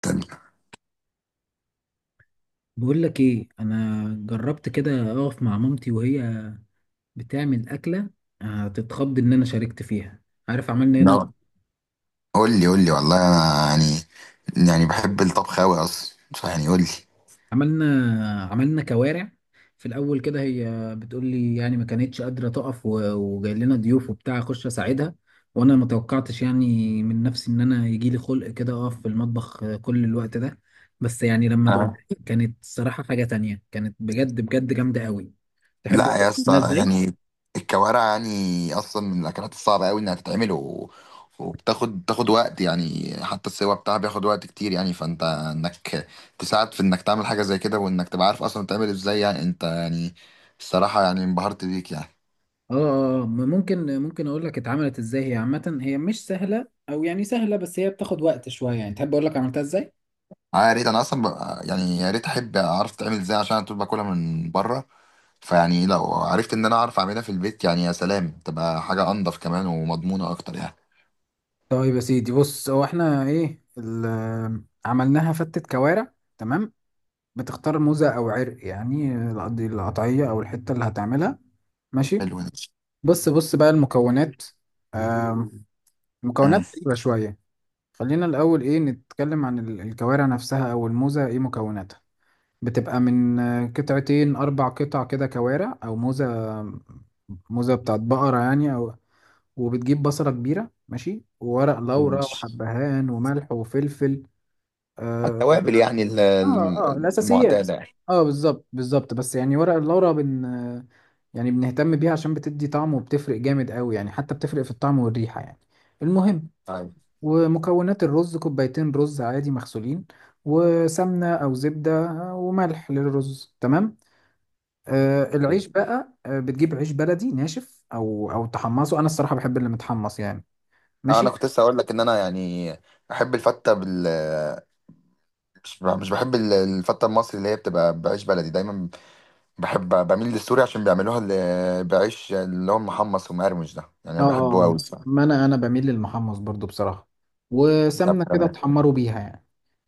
طب، بقول لك ايه، انا جربت كده اقف مع مامتي وهي بتعمل اكله. هتتخض ان انا شاركت فيها. عارف عملنا هنا؟ لا، قول لي قول لي، والله انا يعني بحب الطبخ قوي اصلا، يعني قول لي. عملنا عملنا كوارع. في الاول كده هي بتقول لي يعني ما كانتش قادره تقف وجاي لنا ضيوف وبتاع اخش اساعدها، وانا ما توقعتش يعني من نفسي ان انا يجي لي خلق كده اقف في المطبخ كل الوقت ده. بس يعني لما دقت أه. كانت صراحه حاجه تانية، كانت بجد بجد جامده قوي. تحب اقول لا لك يا عملناها اسطى، ازاي؟ يعني الكوارع يعني اصلا من الاكلات الصعبه قوي انها تتعمل وبتاخد وقت، يعني حتى السوا بتاعها بياخد وقت كتير، يعني فانت انك تساعد في انك تعمل حاجه زي كده، وانك تبقى عارف اصلا تعمل ازاي، يعني انت، يعني الصراحه يعني انبهرت بيك يعني. اه اه، ما ممكن اقول لك اتعملت ازاي. هي عامة هي مش سهلة او يعني سهلة، بس هي بتاخد وقت شوية. يعني تحب اقول لك عملتها ازاي؟ يا ريت انا اصلا يعني يا ريت احب اعرف تعمل ازاي عشان أنا طول باكلها من بره، فيعني لو عرفت ان انا اعرف اعملها في البيت يعني يا سلام، تبقى حاجه انضف كمان ومضمونه اكتر يعني. طيب يا سيدي، بص، هو احنا ايه عملناها فتة كوارع، تمام؟ بتختار موزة او عرق يعني، القطعية او الحتة اللي هتعملها. ماشي؟ حلو ده. بص بص بقى المكونات. آم، مم. المكونات غريبة شوية. خلينا الاول ايه نتكلم عن الكوارع نفسها او الموزة، ايه مكوناتها. بتبقى من قطعتين أربع قطع كده كوارع أو موزة، موزة بتاعت بقرة يعني. أو وبتجيب بصلة كبيرة، ماشي، وورق لورا ماشي. وحبهان وملح وفلفل. اه التوابل يعني الأساسيات. المعتاده يعني. اه، بالظبط بالظبط. بس يعني ورق اللورا يعني بنهتم بيها عشان بتدي طعم وبتفرق جامد قوي يعني، حتى بتفرق في الطعم والريحة يعني. المهم، طيب. ومكونات الرز كوبايتين رز عادي مغسولين، وسمنة أو زبدة وملح للرز، تمام. العيش بقى، بتجيب عيش بلدي ناشف او تحمصه. انا الصراحه بحب اللي متحمص يعني. انا ماشي. كنت لسه اقول لك ان انا يعني احب الفته مش بحب ال- الفته المصري اللي هي بتبقى بعيش بلدي دايما، بميل للسوري عشان بيعملوها اللي بعيش اللي هو محمص ومقرمش ده، يعني اه انا بحبه قوي آه، الصراحه. ما انا بميل للمحمص برضو بصراحه، طب وسمنه كده تمام. تحمروا بيها يعني.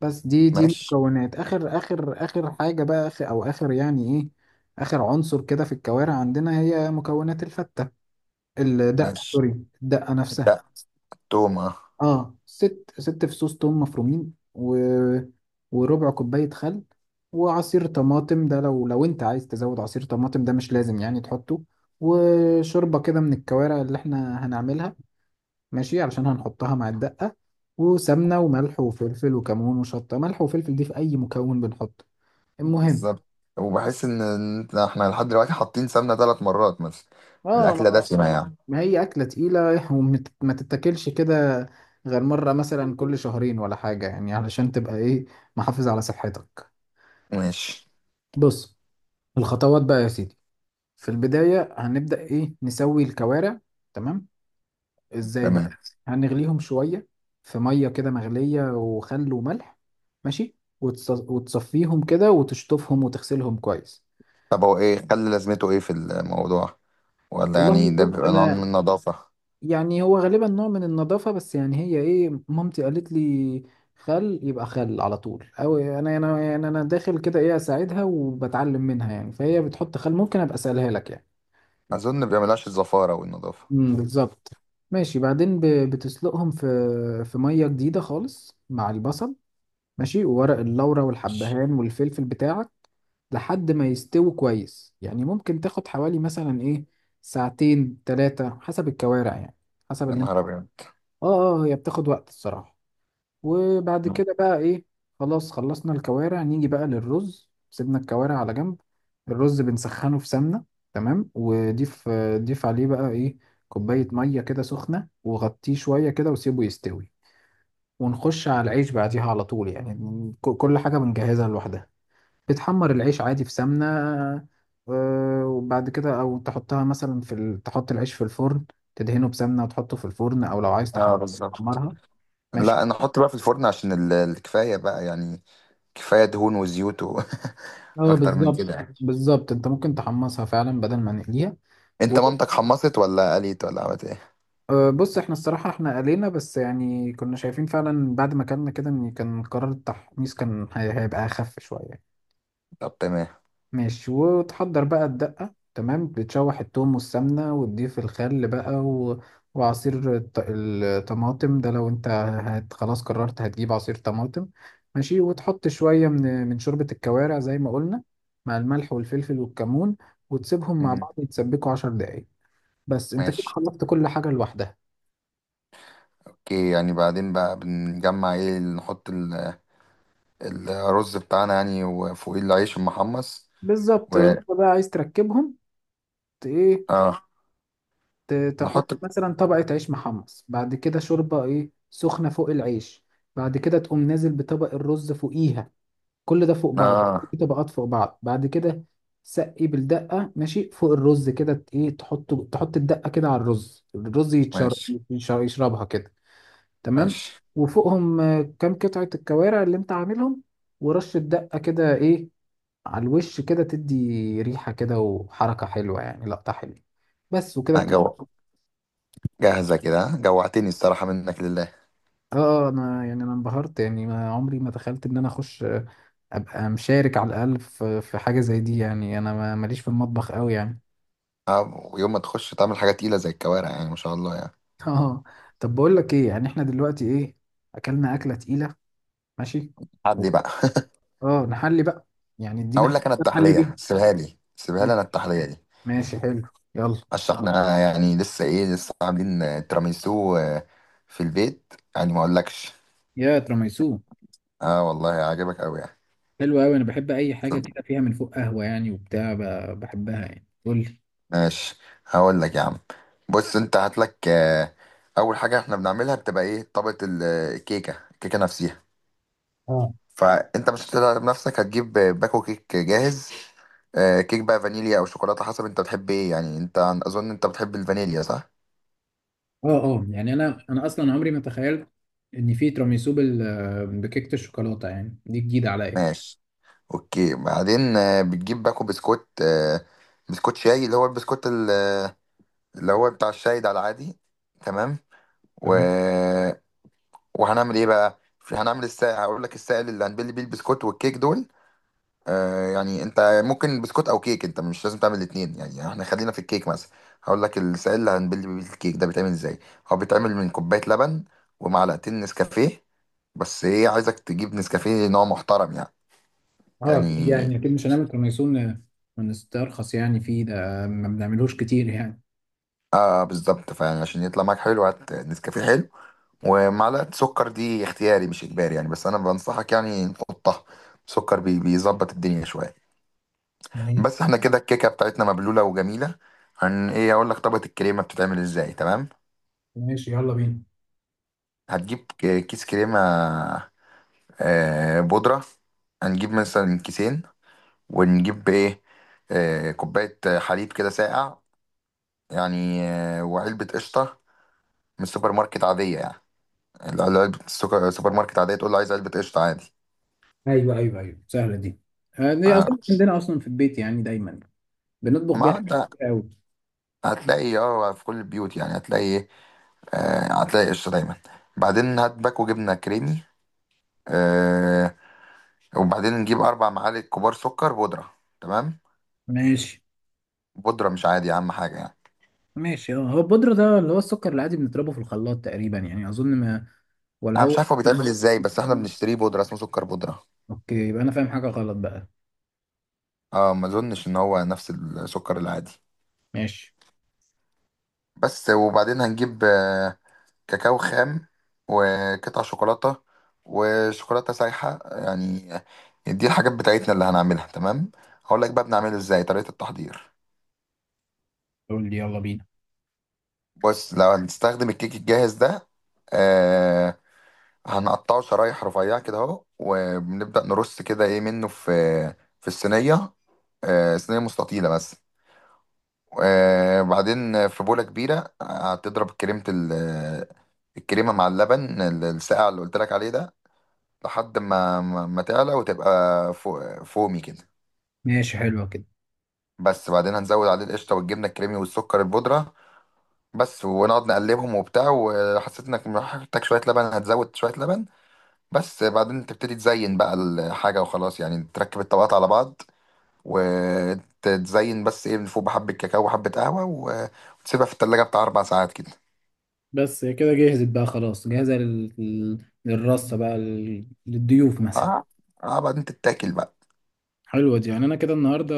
بس دي ماشي مكونات اخر حاجه بقى، اخر او اخر يعني ايه، اخر عنصر كده في الكوارع عندنا. هي مكونات الفته، الدقه ماشي. سوري، الدقه نفسها. ده تومه. اه، ست فصوص توم مفرومين، و... وربع كوباية خل، وعصير طماطم. ده لو انت عايز تزود عصير طماطم ده مش لازم يعني تحطه. وشوربة كده من الكوارع اللي احنا هنعملها، ماشي، علشان هنحطها مع الدقة. وسمنة وملح وفلفل وكمون وشطة. ملح وفلفل دي في أي مكون بنحطه. المهم، بالظبط، وبحس ان احنا لحد دلوقتي حاطين سمنه 3 مرات مثلا. اه، الاكله ما دسمه يعني. ما هي أكلة تقيلة وما تتاكلش كده غير مرة مثلا كل شهرين ولا حاجة يعني، علشان تبقى ايه، محافظ على صحتك. ماشي. بص، الخطوات بقى يا سيدي. في البداية هنبدأ إيه، نسوي الكوارع، تمام؟ إزاي بقى؟ تمام. هنغليهم شوية في مية كده مغلية وخل وملح، ماشي، وتصفيهم كده وتشطفهم وتغسلهم كويس. طب هو ايه خلي لازمته ايه في الموضوع، ولا والله يعني ده بص، بيبقى نوع من أنا النظافه؟ يعني هو غالبا نوع من النظافة، بس يعني هي إيه، مامتي قالت لي خل يبقى خل على طول. أو أنا يعني أنا داخل كده إيه أساعدها وبتعلم منها يعني، فهي بتحط خل، ممكن أبقى أسألها لك يعني. اظن بيعملهاش الزفاره والنظافه. بالظبط. ماشي. بعدين بتسلقهم في ميه جديده خالص مع البصل، ماشي، وورق اللورة والحبهان والفلفل بتاعك لحد ما يستووا كويس يعني، ممكن تاخد حوالي مثلا ايه، ساعتين ثلاثه حسب الكوارع يعني، حسب يا اللي انت. نهار ابيض! اه هي بتاخد وقت الصراحه. وبعد كده بقى ايه، خلاص خلصنا الكوارع، نيجي بقى للرز. سيبنا الكوارع على جنب، الرز بنسخنه في سمنة، تمام، وضيف عليه بقى ايه، كوباية مية كده سخنة، وغطيه شوية كده وسيبه يستوي. ونخش على العيش بعديها على طول يعني، كل حاجة بنجهزها لوحدها. بتحمر العيش عادي في سمنة، وبعد كده او تحطها مثلا تحط العيش في الفرن، تدهنه بسمنة وتحطه في الفرن، او لو عايز اه بالظبط. تحمرها. ماشي. لا، انا احط بقى في الفرن عشان الكفايه بقى يعني. كفايه دهون وزيوت اه، اكتر من بالظبط كده يعني. بالظبط، انت ممكن تحمصها فعلا بدل ما نقليها. انت و- مامتك حمصت ولا قليت ولا عملت ايه؟ بص، احنا الصراحة احنا قلينا، بس يعني كنا شايفين فعلا بعد ما كلنا كده ان كان قرار التحميص كان هيبقى اخف شوية. طب تمام. ماشي. وتحضر بقى الدقة، تمام، بتشوح التوم والسمنة وتضيف الخل بقى، وعصير الطماطم ده لو انت خلاص قررت هتجيب عصير طماطم، ماشي، وتحط شوية من شوربة الكوارع زي ما قلنا، مع الملح والفلفل والكمون، وتسيبهم مع مم. بعض يتسبكوا 10 دقايق. بس، انت كده ماشي. خلصت كل حاجة لوحدها. اوكي، يعني بعدين بقى بنجمع ايه، نحط الرز بتاعنا يعني وفوقيه العيش المحمص، بالظبط، و انت بقى عايز تركبهم. ت- ايه اه ت- نحط. تحط مثلا طبقة عيش محمص، بعد كده شوربة ايه سخنة فوق العيش، بعد كده تقوم نازل بطبق الرز فوقيها. كل ده فوق بعضه في اه طبقات فوق بعض. بعد كده سقي بالدقة، ماشي، فوق الرز كده، ت- ايه تحطه تحط الدقة كده على الرز ماشي يشربها كده، تمام. ماشي. وفوقهم كام قطعة الكوارع اللي انت عاملهم، ورش الدقة كده ايه على الوش كده، تدي ريحة كده وحركة حلوة يعني، لقطة حلوة. بس وكده. لا، جو، جاهزة كده ها؟ جوعتني الصراحة، منك لله! اه، انا يعني انا انبهرت يعني، ما عمري ما تخيلت ان انا اخش ابقى مشارك على الاقل في حاجه زي دي يعني. انا ماليش في المطبخ قوي يعني. ويوم ما تخش تعمل حاجة تقيلة زي الكوارع يعني ما شاء الله يعني. اه. طب بقول لك ايه، يعني احنا دلوقتي ايه، اكلنا اكله تقيله، ماشي، عدلي بقى. اه نحلي بقى، يعني ادينا اقول حاجه لك، انا كده نحلي بيها. التحلية سيبها لي سيبها لي انا، ماشي، التحلية دي. ماشي، حلو. يلا. عشان احنا يعني لسه ايه، لسه عاملين تراميسو في البيت يعني، ما اقولكش. يا تراميسو، اه والله عاجبك قوي يعني. حلو قوي. انا بحب اي حاجه كده فيها من فوق قهوه يعني وبتاع، بحبها يعني. قول ماشي. هقول لك يا عم. بص، انت هات لك، اول حاجه احنا بنعملها بتبقى ايه، طبقه الكيكه نفسها. لي. فانت مش هتقدر بنفسك، هتجيب باكو كيك جاهز. كيك بقى فانيليا او شوكولاته حسب انت بتحب ايه يعني، انت اظن انت بتحب الفانيليا صح؟ اه يعني انا اصلا عمري ما تخيلت ان في تراميسو بكيكه الشوكولاته يعني، دي جديده عليا. ماشي. اوكي بعدين بتجيب باكو بسكوت، بسكوت شاي اللي هو البسكوت اللي هو بتاع الشاي ده العادي، تمام. تمام. وهنعمل ايه بقى، في هنعمل السائل. هقول لك السائل اللي هنبل بيه البسكوت والكيك دول. يعني انت ممكن بسكوت او كيك، انت مش لازم تعمل الاثنين يعني، احنا خلينا في الكيك مثلا. هقول لك السائل اللي هنبل بيه الكيك ده بيتعمل ازاي. هو بيتعمل من كوبايه لبن ومعلقتين نسكافيه، بس ايه، عايزك تجيب نسكافيه نوع محترم يعني. اه، اكيد يعني يعني اكيد مش هنعمل تراميسو ونسترخص يعني فيه ده، ما بنعملوش كتير يعني. اه بالظبط فعلا، عشان يطلع معاك حلو هات نسكافيه حلو. ومعلقه سكر دي اختياري مش اجباري يعني، بس انا بنصحك يعني نحطها، سكر بيظبط الدنيا شويه. ماشي، بس احنا كده الكيكه بتاعتنا مبلوله وجميله. ايه اقول لك طبقه الكريمه بتتعمل ازاي، تمام. ماشي، يلا بينا. هتجيب كيس كريمه، بودره. هنجيب مثلا كيسين، ونجيب ايه، كوبايه حليب كده ساقع يعني، وعلبه قشطه من السوبر ماركت عاديه يعني. علبه السوبر ماركت عاديه، تقول له عايز علبه قشطه عادي. ايوه، ايوه، ايوه، سهله دي. دي اظن آه، عندنا اصلا في البيت يعني دايما بنطبخ بيها ما حاجات ده كتير قوي. هتلاقي اه في كل البيوت، يعني هتلاقي ايه، آه هتلاقي قشطه دايما. بعدين هات باكو جبنه كريمي، آه وبعدين نجيب 4 معالق كبار سكر بودره، تمام. ماشي، بودره مش عادي، اهم حاجه يعني. ماشي، اه. هو البودرة ده اللي هو السكر العادي بنضربه في الخلاط تقريبا يعني، اظن ما، ولا انا مش هو؟ عارف هو بيتعمل ازاي، بس احنا بنشتريه بودره، اسمه سكر بودره. اوكي، يبقى انا فاهم حاجه غلط بقى. اه، ما اظنش ان هو نفس السكر العادي. ماشي. بس وبعدين هنجيب كاكاو خام، وقطع شوكولاته، وشوكولاته سايحه يعني. دي الحاجات بتاعتنا اللي هنعملها، تمام. هقول لك بقى بنعمله ازاي طريقه التحضير. قول لي، يلا بينا. بص لو هنستخدم الكيك الجاهز ده، آه، هنقطعه شرايح رفيعة كده اهو، وبنبدأ نرص كده ايه منه في الصينية. صينية مستطيلة بس. بعدين في بولة كبيرة هتضرب كريمة الكريمة مع اللبن الساقع اللي قلت لك عليه ده، لحد ما تعلى وتبقى فومي كده. ماشي، حلوة كده. بس بعدين هنزود عليه القشطة والجبنة الكريمي والسكر البودرة بس، ونقعد نقلبهم وبتاع، وحسيت انك محتاج شوية لبن هتزود شوية لبن بس. بعدين تبتدي تزين بقى الحاجة وخلاص، يعني تركب الطبقات على بعض وتزين بس ايه من فوق بحبة كاكاو وحبة قهوة وتسيبها في التلاجة بتاع 4 ساعات كده. بس هي كده جهزت بقى، خلاص جاهزة للرصة بقى، للضيوف مثلا. اه, بعدين تتاكل بقى. حلوة دي يعني. أنا كده النهاردة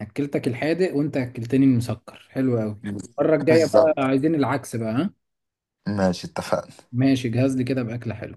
أكلتك الحادق وأنت أكلتني المسكر، حلوة أوي. المرة الجاية بالظبط. بقى عايزين العكس بقى، ها؟ ماشي اتفقنا. ماشي، جهز لي كده بأكلة حلوة.